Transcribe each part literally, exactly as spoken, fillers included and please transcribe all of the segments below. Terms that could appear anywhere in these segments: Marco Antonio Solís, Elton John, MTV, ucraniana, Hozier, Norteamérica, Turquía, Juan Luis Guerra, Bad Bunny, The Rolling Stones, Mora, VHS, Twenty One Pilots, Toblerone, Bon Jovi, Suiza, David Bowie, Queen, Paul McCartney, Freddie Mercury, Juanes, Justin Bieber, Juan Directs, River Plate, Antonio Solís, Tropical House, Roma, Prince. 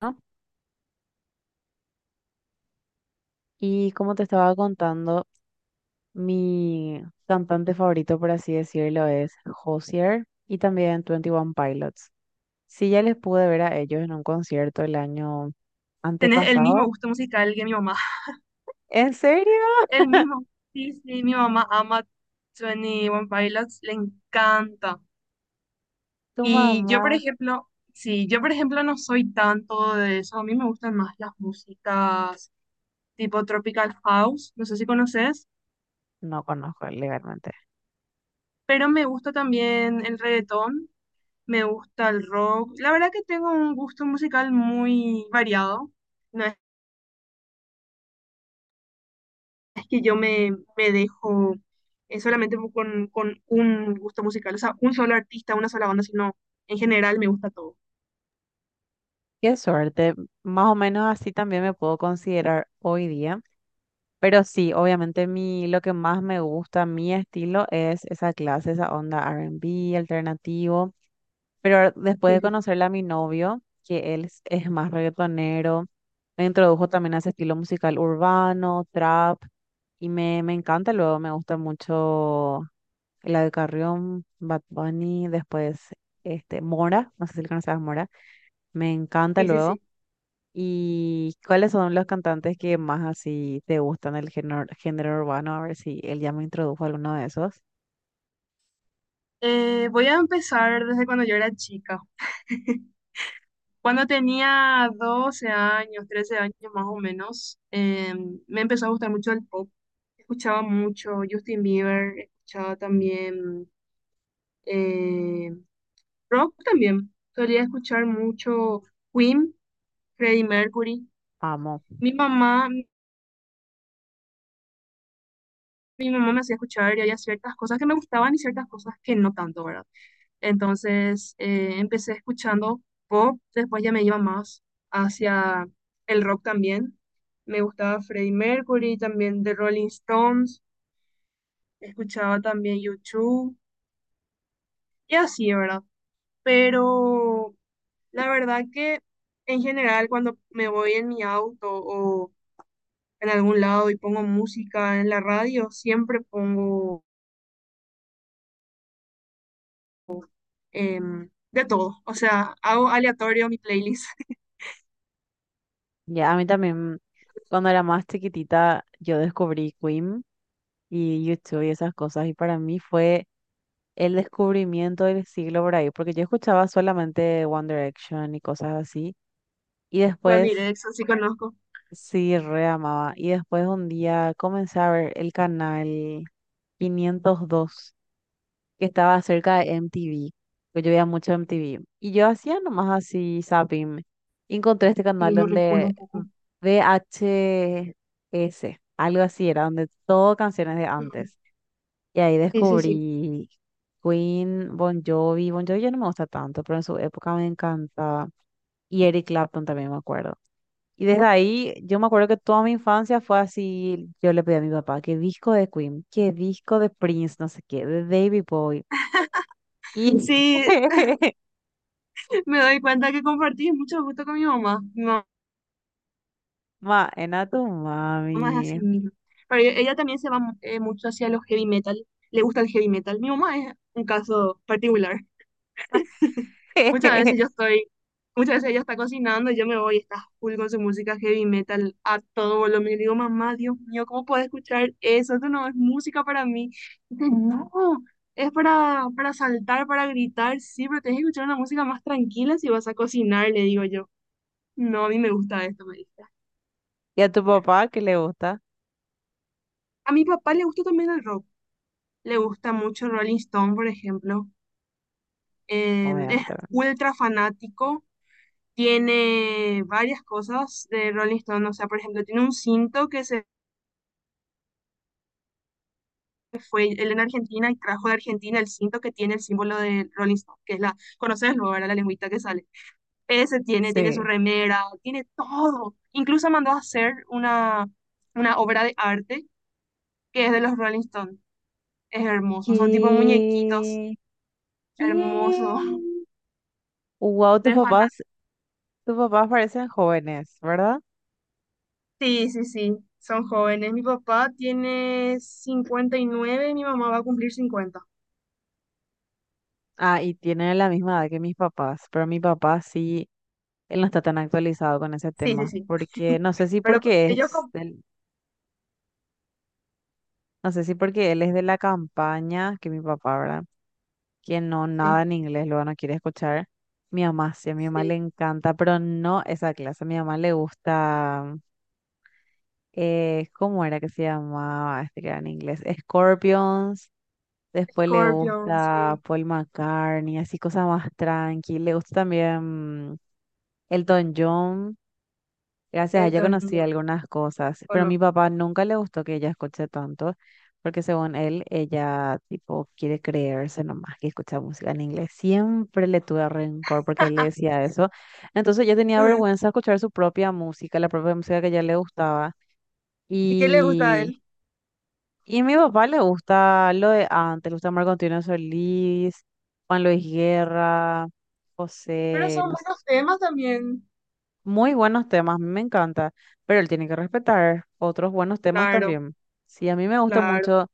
¿No? Y como te estaba contando, mi cantante favorito, por así decirlo, es Hozier y también Twenty One Pilots. Sí, ya les pude ver a ellos en un concierto el año Tenés el mismo antepasado. gusto musical que mi mamá. ¿En serio? El mismo. Sí, sí, mi mamá ama Twenty One Pilots, le encanta. ¿Tu Y yo, por mamá? ejemplo, sí, yo, por ejemplo, no soy tanto de eso. A mí me gustan más las músicas tipo Tropical House, no sé si conoces, No conozco legalmente. pero me gusta también el reggaetón, me gusta el rock. La verdad que tengo un gusto musical muy variado. No es que yo me, me dejo eh, solamente con, con un gusto musical, o sea, un solo artista, una sola banda, sino en general me gusta todo. Qué suerte. Más o menos así también me puedo considerar hoy día. Pero sí, obviamente mi, lo que más me gusta, mi estilo, es esa clase, esa onda R y B alternativo. Pero después Sí, de sí, sí. conocerle a mi novio, que él es, es más reggaetonero, me introdujo también a ese estilo musical urbano, trap, y me, me encanta. Luego me gusta mucho la de Carrión, Bad Bunny, después este, Mora, no sé si le conoces a Mora, me encanta Sí, sí, luego. sí. ¿Y cuáles son los cantantes que más así te gustan del género, género urbano? A ver si él ya me introdujo a alguno de esos. Eh, voy a empezar desde cuando yo era chica. Cuando tenía doce años, trece años más o menos, eh, me empezó a gustar mucho el pop. Escuchaba mucho Justin Bieber, escuchaba también eh, rock también. Solía escuchar mucho Queen, Freddie Mercury. Amo. Mi mamá, mi mamá me hacía escuchar y había ciertas cosas que me gustaban y ciertas cosas que no tanto, ¿verdad? Entonces eh, empecé escuchando pop, después ya me iba más hacia el rock también. Me gustaba Freddie Mercury, también The Rolling Stones, escuchaba también YouTube y así, ¿verdad? Pero la verdad que en general cuando me voy en mi auto o en algún lado y pongo música en la radio, siempre pongo em, de todo. O sea, hago aleatorio mi playlist. Ya, a mí también, cuando era más chiquitita, yo descubrí Queen y YouTube y esas cosas. Y para mí fue el descubrimiento del siglo por ahí, porque yo escuchaba solamente One Direction y cosas así. Y Juan después Directs, así conozco. sí, re amaba. Y después un día comencé a ver el canal quinientos dos, que estaba cerca de M T V, que yo veía mucho M T V. Y yo hacía nomás así zapping. Y Encontré este canal Y no recuerdo donde un poco. V H S, algo así era, donde todo canciones de Ujú. antes. Y ahí Sí, sí, sí. descubrí Queen, Bon Jovi. Bon Jovi ya no me gusta tanto, pero en su época me encantaba. Y Eric Clapton también me acuerdo. Y desde ahí, yo me acuerdo que toda mi infancia fue así. Yo le pedí a mi papá, qué disco de Queen, qué disco de Prince, no sé qué, de David Bowie. Y, Sí, me doy cuenta que compartí mucho gusto con mi mamá. Mi mamá ma, en a tu es mami. así mismo. Pero e- ella también se va mu- eh, mucho hacia los heavy metal. Le gusta el heavy metal. Mi mamá es un caso particular. Muchas veces yo estoy, muchas veces ella está cocinando y yo me voy y está full con su música heavy metal a todo volumen. Y digo, mamá, Dios mío, ¿cómo puedo escuchar eso? Eso no es música para mí. Dice, no, es para, para saltar, para gritar, sí, pero tienes que escuchar una música más tranquila si vas a cocinar, le digo yo. No, a mí me gusta esto, me dice. Y a tu papá, ¿qué le gusta? A mi papá le gusta también el rock. Le gusta mucho Rolling Stone, por ejemplo. Eh, es Obviamente. ¿Verdad? ultra fanático, tiene varias cosas de Rolling Stone, o sea, por ejemplo, tiene un cinto que se fue él en Argentina y trajo de Argentina el cinto que tiene el símbolo de Rolling Stone, que es la, conoces luego, era la lengüita que sale. Ese tiene, tiene su Sí. remera, tiene todo. Incluso mandó a hacer una, una obra de arte que es de los Rolling Stone. Es hermoso, son tipo muñequitos, ¿Qué? ¿Qué? hermoso, Wow, tus de papás fanático. tus papás parecen jóvenes, ¿verdad? Sí, sí, sí, son jóvenes. Mi papá tiene cincuenta y nueve, mi mamá va a cumplir cincuenta. Ah, y tienen la misma edad que mis papás, pero mi papá sí, él no está tan actualizado con ese Sí, sí, tema, sí. porque no sé si Pero co- porque ellos es como, del- no sé si porque él es de la campaña que mi papá, ¿verdad? Que no sí, nada en inglés, luego no quiere escuchar. Mi mamá sí, a mi mamá sí, le encanta, pero no esa clase, a mi mamá le gusta eh, ¿cómo era que se llamaba este que era en inglés? Scorpions. Después le Scorpion, gusta sí, Paul McCartney, así cosas más tranqui. Le gusta también Elton John. Gracias a ella Elton conocí John, algunas cosas, ¿o pero a no? mi papá nunca le gustó que ella escuche tanto, porque según él, ella tipo quiere creerse nomás que escucha música en inglés. Siempre le tuve rencor porque él le decía eso. Entonces yo tenía Ujú. vergüenza de escuchar su propia música, la propia música que a ella le gustaba. ¿Y qué le gusta a y él? y a mi papá le gusta lo de antes, le gusta Marco Antonio Solís, Juan Luis Guerra, Pero José, son no sé, buenos temas también. muy buenos temas, me encanta, pero él tiene que respetar otros buenos temas Claro, también. Sí, a mí me gustan claro. mucho,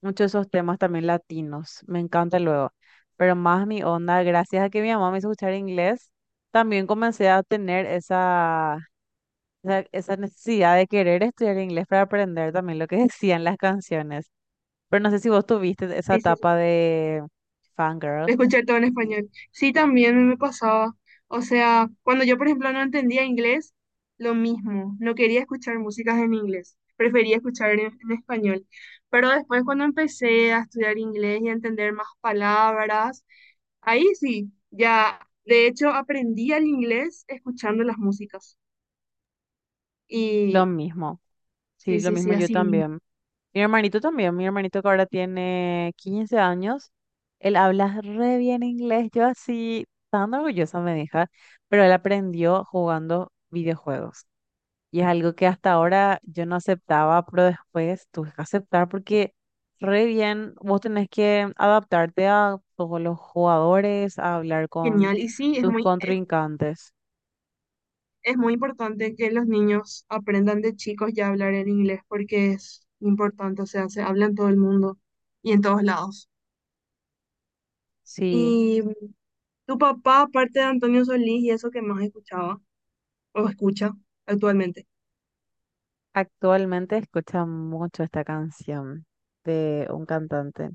mucho esos temas también latinos, me encanta luego, pero más mi onda, gracias a que mi mamá me hizo escuchar inglés, también comencé a tener esa, esa, esa necesidad de querer estudiar inglés para aprender también lo que decían las canciones. Pero no sé si vos tuviste esa Sí, sí, sí. etapa de fangirl. De escuchar todo en Así, español. Sí, también me pasaba. O sea, cuando yo, por ejemplo, no entendía inglés, lo mismo. No quería escuchar músicas en inglés. Prefería escuchar en, en español. Pero después, cuando empecé a estudiar inglés y a entender más palabras, ahí sí, ya, de hecho aprendí el inglés escuchando las músicas. lo Y mismo, sí, sí, lo sí, sí, mismo yo así mismo. también. Mi hermanito también, mi hermanito que ahora tiene quince años, él habla re bien inglés, yo así, tan orgullosa me deja, pero él aprendió jugando videojuegos. Y es algo que hasta ahora yo no aceptaba, pero después tuve que aceptar porque re bien, vos tenés que adaptarte a todos los jugadores, a hablar con Genial. Y sí, es tus muy, es, contrincantes. es muy importante que los niños aprendan de chicos ya a hablar el inglés porque es importante, o sea, se habla en todo el mundo y en todos lados. Sí, ¿Y tu papá, aparte de Antonio Solís y eso que más escuchaba o escucha actualmente? actualmente escucha mucho esta canción de un cantante.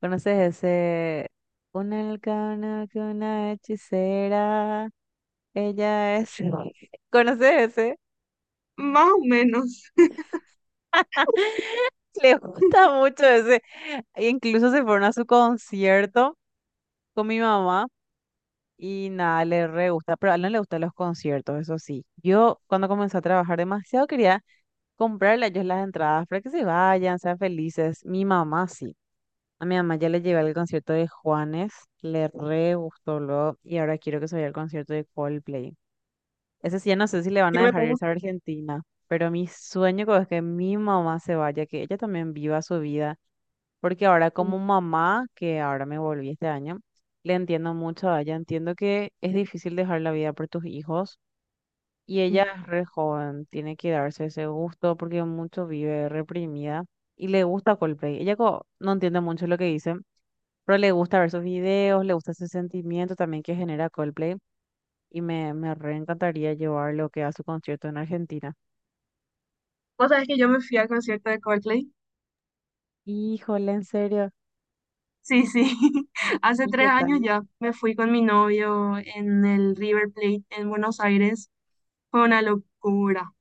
¿Conoces ese? Una alcana que una hechicera, ella es... ¿Conoces ese? Más o menos. Les gusta mucho ese. e Incluso se fueron a su concierto con mi mamá y nada, le re gusta, pero a él no le gustan los conciertos, eso sí. Yo cuando comencé a trabajar demasiado quería comprarle a ellos las entradas para que se vayan, sean felices. Mi mamá sí. A mi mamá ya le llevé al concierto de Juanes, le re gustó luego y ahora quiero que se vaya al concierto de Coldplay. Ese sí, ya no sé si le van a Yo me dejar pongo... irse a Argentina, pero mi sueño es que mi mamá se vaya, que ella también viva su vida porque ahora eh, como mamá, que ahora me volví este año, le entiendo mucho a ella. Entiendo que es difícil dejar la vida por tus hijos y ella eh, es re joven, tiene que darse ese gusto porque mucho vive reprimida y le gusta Coldplay. Ella co- no entiende mucho lo que dice, pero le gusta ver sus videos, le gusta ese sentimiento también que genera Coldplay y me, me re encantaría llevarlo que a su concierto en Argentina. Vos sabés que yo me fui al concierto de Coldplay. Híjole, ¿en serio? Sí, sí. Hace ¿Y qué tres años tal? ya me fui con mi novio en el River Plate en Buenos Aires. Fue una locura.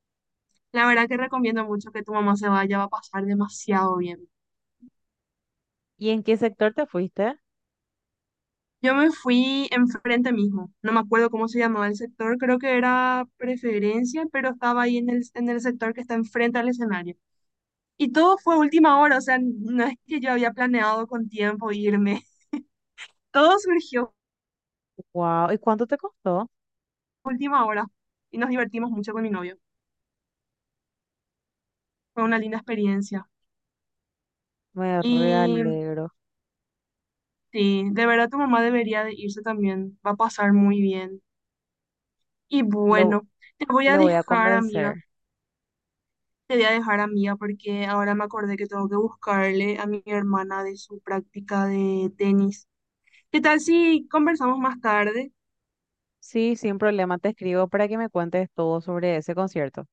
La verdad que recomiendo mucho que tu mamá se vaya, va a pasar demasiado bien. ¿Y en qué sector te fuiste? Yo me fui enfrente mismo. No me acuerdo cómo se llamaba el sector, creo que era Preferencia, pero estaba ahí en el, en el sector que está enfrente al escenario. Y todo fue a última hora, o sea, no es que yo había planeado con tiempo irme. Todo surgió Wow, ¿y cuánto te costó? a última hora y nos divertimos mucho con mi novio. Fue una linda experiencia. Me Y realegro. sí, de verdad tu mamá debería de irse también, va a pasar muy bien. Y Le, vo- bueno, te voy a Le voy a dejar, amiga, convencer. te voy a dejar, amiga, porque ahora me acordé que tengo que buscarle a mi hermana de su práctica de tenis. ¿Qué tal si conversamos más tarde? Sí, sin problema, te escribo para que me cuentes todo sobre ese concierto.